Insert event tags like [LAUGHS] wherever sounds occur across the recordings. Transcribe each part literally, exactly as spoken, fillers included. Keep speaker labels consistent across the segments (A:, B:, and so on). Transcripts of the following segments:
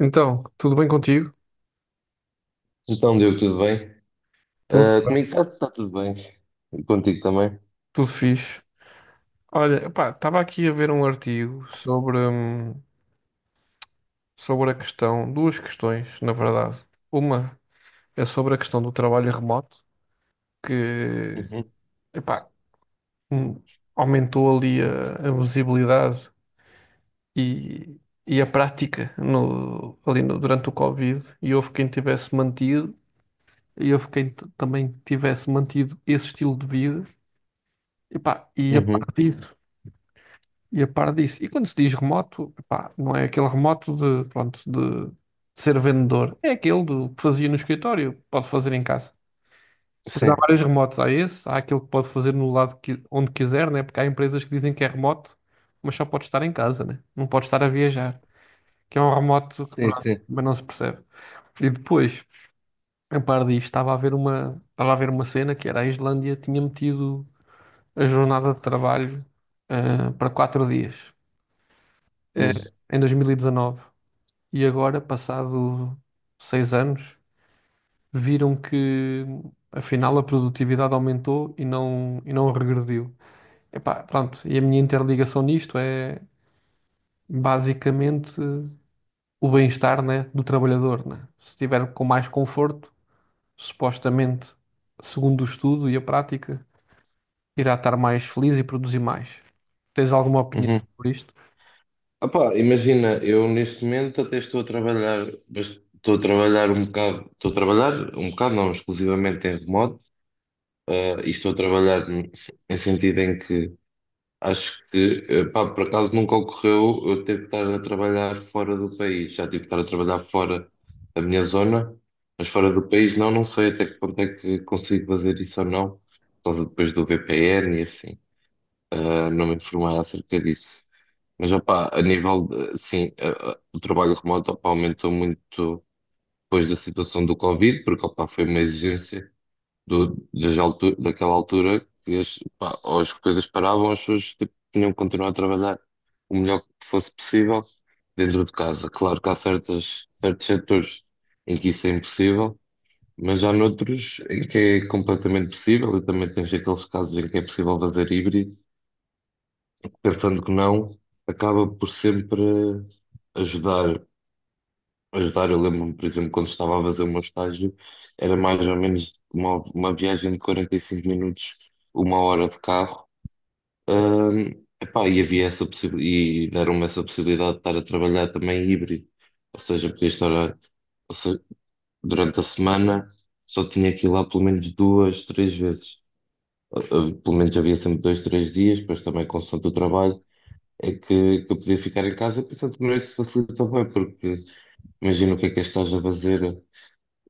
A: Então, tudo bem contigo?
B: Então, Diogo, tudo bem?
A: Tudo
B: Ah, comigo
A: bem.
B: está tá tá tudo bem. E contigo também?
A: Tudo fixe. Olha, pá, estava aqui a ver um artigo sobre, hum, sobre a questão, duas questões, na verdade. Uma é sobre a questão do trabalho remoto, que,
B: Uhum.
A: epá, hum, aumentou ali a, a visibilidade e, e a prática no, ali no- durante o Covid, e houve quem tivesse mantido, e houve quem t- também tivesse mantido esse estilo de vida, epá, e a
B: Uhum.
A: partir disso. E a par disso. E quando se diz remoto, pá, não é aquele remoto de, pronto, de ser vendedor. É aquele do que fazia no escritório, pode fazer em casa. Pois há
B: Sim,
A: vários remotos. Há esse, há aquele que pode fazer no lado que, onde quiser, né? Porque há empresas que dizem que é remoto, mas só pode estar em casa, né? Não pode estar a viajar. Que é um remoto que,
B: sim,
A: pronto,
B: sim.
A: mas não se percebe. E depois, a par disto, estava a ver uma, estava a ver uma cena que era a Islândia tinha metido a jornada de trabalho, ah, para quatro dias, eh,
B: Hum.
A: em dois mil e dezenove. E agora, passado seis anos, viram que afinal a produtividade aumentou e não, e não regrediu. Epá, pronto, e a minha interligação nisto é basicamente o bem-estar, né, do trabalhador, né? Se estiver com mais conforto, supostamente, segundo o estudo e a prática, irá estar mais feliz e produzir mais. Tens alguma opinião
B: Uhum.
A: sobre isto?
B: Ah pá, imagina, eu neste momento até estou a trabalhar, bas- estou a trabalhar um bocado, estou a trabalhar um bocado, não, exclusivamente em remoto. Ah, e estou a trabalhar no- em sentido em que acho que, eh, pá, por acaso nunca ocorreu eu ter que estar a trabalhar fora do país. Já tive que estar a trabalhar fora da minha zona, mas fora do país não, não sei até que ponto é que consigo fazer isso ou não, por causa depois do V P N e assim. Ah, não me informei acerca disso. Mas, opá, a nível de, sim, ah, ah, o trabalho remoto, opá, aumentou muito depois da situação do Covid, porque, opá, foi uma exigência do, das altu- daquela altura que as, pá, ou as coisas paravam, as pessoas tipo, tinham que continuar a trabalhar o melhor que fosse possível dentro de casa. Claro que há certas, certos setores em que isso é impossível, mas há noutros em que é completamente possível e também tens aqueles casos em que é possível fazer híbrido, pensando que não, acaba por sempre ajudar ajudar. Eu lembro-me, por exemplo, quando estava a fazer o meu estágio, era mais ou menos uma, uma viagem de quarenta e cinco minutos, uma hora de carro. Ahm, epá, e havia essa possibilidade, e deram-me essa possibilidade de estar a trabalhar também híbrido. Ou seja, podia estar a- ou se- durante a semana, só tinha que ir lá pelo menos duas, três vezes. Ah, ah, Pelo menos havia sempre dois, três dias, depois também consoante o trabalho, é que, que eu podia ficar em casa, pensando que não isso facilita bem, porque imagina o que é que estás a fazer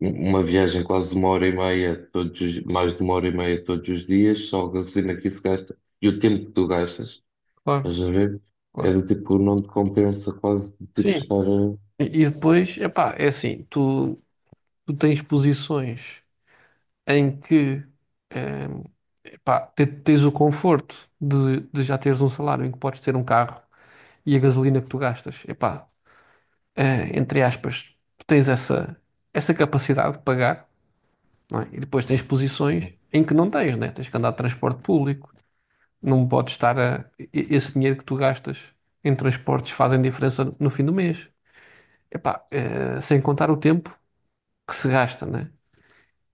B: um- uma viagem quase de uma hora e meia, todos, os- mais de uma hora e meia todos os dias, só a gasolina que isso gasta e o tempo que tu gastas,
A: Claro,
B: estás a ver? É
A: claro.
B: do tipo, não te compensa quase de tipo
A: Sim.
B: estar a. Uhum.
A: E, e depois, epá, é assim, tu, tu tens posições em que eh, pá, te- tens o conforto de, de já teres um salário em que podes ter um carro e a gasolina que tu gastas, epá, eh, entre aspas, tu tens essa, essa capacidade de pagar, não é? E depois tens posições em que não tens, né? Tens que andar de transporte público, não podes estar a, e- esse dinheiro que tu gastas em transportes fazem diferença no no fim do mês. Epá, eh, sem contar o tempo que se gasta, né?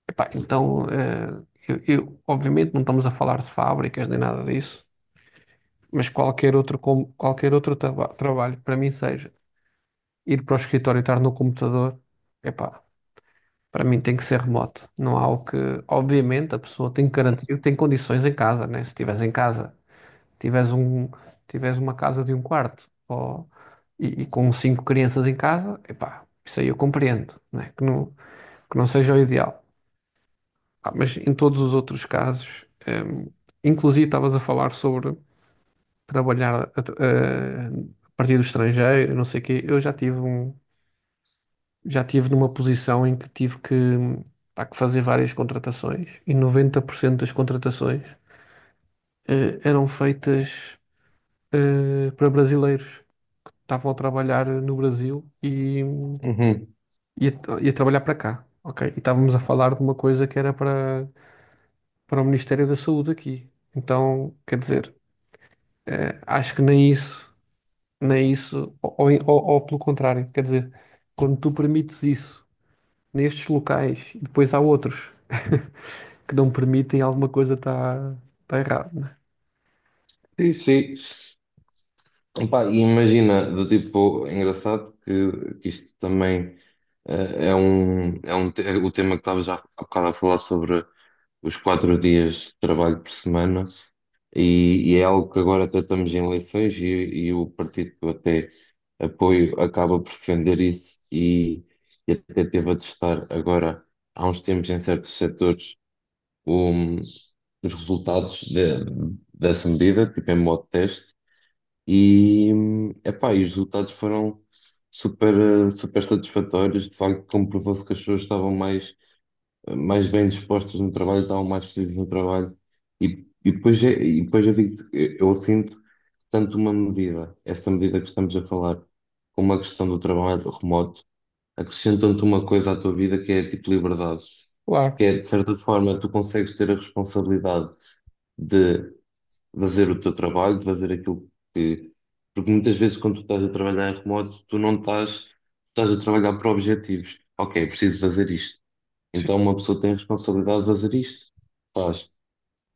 A: Epá, então, eh, eu, eu- obviamente não estamos a falar de fábricas nem nada disso, mas qualquer outro, com- qualquer outro traba- trabalho, para mim seja ir para o escritório e estar no computador, epá, para mim tem que ser remoto. Não há o que, obviamente, a pessoa tem que garantir que tem condições em casa, né? Se estiveres em casa, tiveres um, tiveres uma casa de um quarto ou- e, e com cinco crianças em casa, epá, isso aí eu compreendo, né? Que não, que não seja o ideal. Ah, mas em todos os outros casos, ehm, inclusive estavas a falar sobre trabalhar a, tra- eh, a partir do estrangeiro, não sei o quê. Eu já tive um, já tive numa posição em que tive que, pá, que fazer várias contratações e noventa por cento das contratações eh, eram feitas eh, para brasileiros. Estavam a trabalhar no Brasil e,
B: Uhum.
A: e a, e a trabalhar para cá, ok? E estávamos a falar de uma coisa que era para, para o Ministério da Saúde aqui. Então, quer dizer. Eh, acho que nem isso, nem isso, ou, ou, ou- pelo contrário, quer dizer, quando tu permites isso nestes locais e depois há outros [LAUGHS] que não permitem, alguma coisa está tá tá errado, né?
B: Sim, sim. Epá, e imagina, do tipo, é engraçado que, que isto também eh, é um, é um, te- é o tema que estavas há há bocado a falar sobre os quatro dias de trabalho por semana. E, e é algo que agora tratamos em eleições e, e o partido que eu até apoio acaba por defender isso e, e até teve a testar agora, há uns tempos, em certos setores, um, os resultados de- dessa medida, tipo em modo teste, e, epá, e os resultados foram super, eh, super satisfatórios, de facto comprovou-se que as pessoas estavam mais mais bem dispostas no trabalho, estavam mais felizes no trabalho. E, e depois, é- e depois eu digo, eu sinto que tanto uma medida, essa medida que estamos a falar, como a questão do trabalho remoto, acrescentam-te uma coisa à tua vida que é tipo liberdade, que
A: Claro,
B: é de certa forma tu consegues ter a responsabilidade de fazer o teu trabalho, de fazer aquilo que. Porque muitas vezes quando tu estás a trabalhar em remoto, tu não estás, estás a trabalhar para objetivos. Ok, preciso fazer isto
A: sim,
B: então uma pessoa tem a responsabilidade de fazer isto. Faz.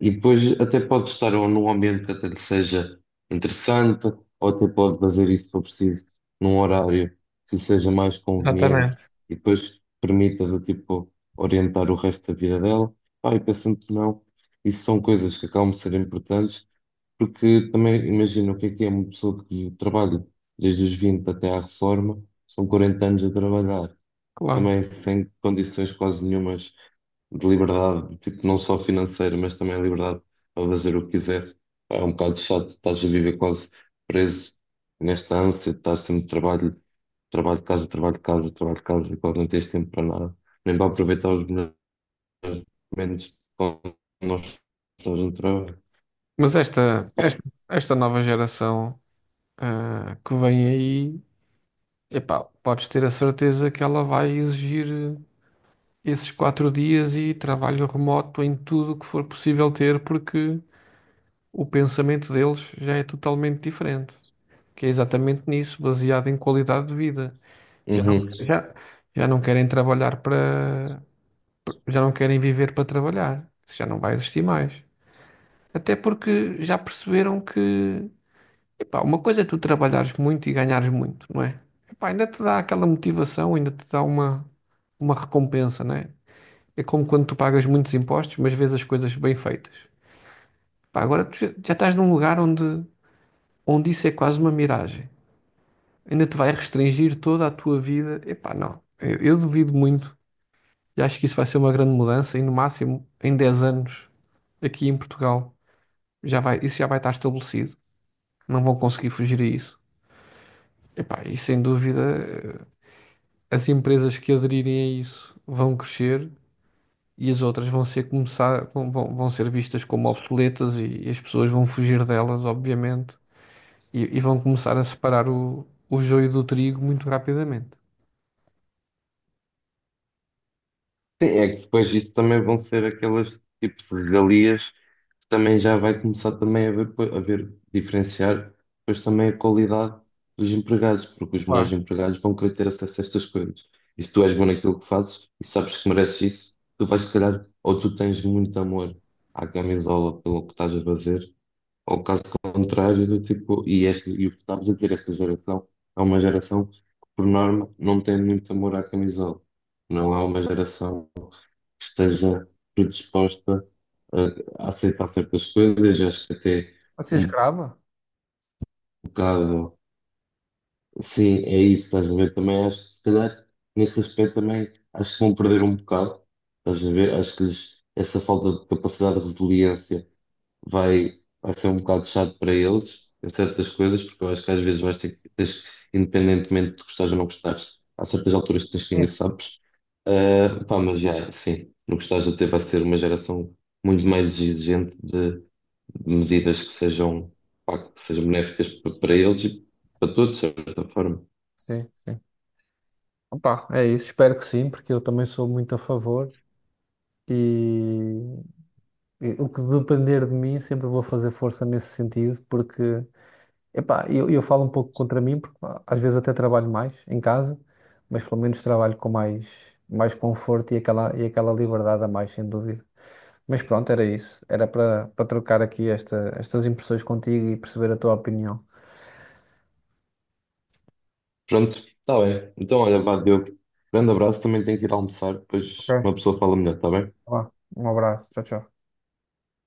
B: E depois até pode estar ou num ambiente que até lhe seja interessante, ou até pode fazer isso se for preciso, num horário que seja mais conveniente
A: exatamente.
B: e depois permita do tipo orientar o resto da vida dela. Pá, e pensando que não, isso são coisas que acabam de ser importantes, porque também imagina o que é que é uma pessoa que trabalha desde os vinte até à reforma, são quarenta anos a trabalhar
A: Claro.
B: também sem condições quase nenhumas de liberdade, tipo, não só financeira, mas também a liberdade para fazer o que quiser. É um bocado chato, estás a viver quase preso nesta ânsia, de estar sempre de trabalho, trabalho de casa, trabalho de casa, trabalho de casa, e quase não tens tempo para nada, nem para aproveitar os melhores momentos quando nós estamos no trabalho.
A: Mas esta, esta, esta nova geração, ah, que vem aí, epá, podes ter a certeza que ela vai exigir esses quatro dias e trabalho remoto em tudo o que for possível ter, porque o pensamento deles já é totalmente diferente, que é exatamente nisso, baseado em qualidade de vida. Já não,
B: Uhum.
A: já, já não querem trabalhar para, já não querem viver para trabalhar. Isso já não vai existir mais. Até porque já perceberam que, epá, uma coisa é tu trabalhares muito e ganhares muito, não é? Epá, ainda te dá aquela motivação, ainda te dá uma, uma recompensa, não é? É como quando tu pagas muitos impostos, mas vês as coisas bem feitas. Pá, agora tu já já estás num lugar onde, onde isso é quase uma miragem. Ainda te vai restringir toda a tua vida. Epá, não. Eu, eu duvido muito e acho que isso vai ser uma grande mudança e no máximo em dez anos aqui em Portugal já vai, isso já vai estar estabelecido. Não vão conseguir fugir a isso. Epá, e sem dúvida eh, as empresas que aderirem a isso vão crescer e as outras vão ser começar, vão, vão vão ser vistas como obsoletas e, e as pessoas vão fugir delas, obviamente, e, e vão começar a separar o, o joio do trigo muito rapidamente.
B: Sim, é que depois disso também vão ser aquelas tipos de regalias que também já vai começar também a ver, a ver, diferenciar depois também a qualidade dos empregados, porque os
A: Ué,
B: melhores empregados vão querer ter acesso a estas coisas. E se tu és bom naquilo que fazes e sabes que mereces isso, tu vais, se calhar, ou tu tens muito amor à camisola pelo que estás a fazer, ou caso contrário, do tipo, e, este, e o que estavas a dizer, esta geração é uma geração que, por norma, não tem muito amor à camisola. Não é uma geração esteja predisposta a, a aceitar certas coisas. Acho que até
A: pode ser
B: um
A: escrava?
B: bocado, sim, é isso, estás a ver? Também acho que se calhar nesse aspecto também acho que vão perder um bocado, estás a ver? Acho que lhes, essa falta de capacidade de resiliência vai, vai ser um bocado chato para eles em certas coisas, porque eu acho que às vezes vais ter que, tens, independentemente de gostares ou não gostares, há certas alturas que tens que engolir sapos. Ah, pá, mas já, sim, não gostares de dizer, vai ser uma geração muito mais exigente de, de medidas que sejam, pá, que sejam benéficas pa- para eles e para todos, de certa forma.
A: Sim, sim. Opa, é isso, espero que sim, porque eu também sou muito a favor e, e o que depender de mim sempre vou fazer força nesse sentido, porque epá, eu, eu falo um pouco contra mim, porque pá, às vezes até trabalho mais em casa, mas pelo menos trabalho com mais, mais conforto e aquela, e aquela liberdade a mais, sem dúvida. Mas pronto, era isso. Era para para trocar aqui esta, estas impressões contigo e perceber a tua opinião.
B: Pronto, está bem. Então, olha, vá, Diogo. Grande abraço, também tenho que ir almoçar,
A: Ok,
B: depois uma pessoa fala melhor, está bem?
A: vá. Um abraço, tchau, tchau.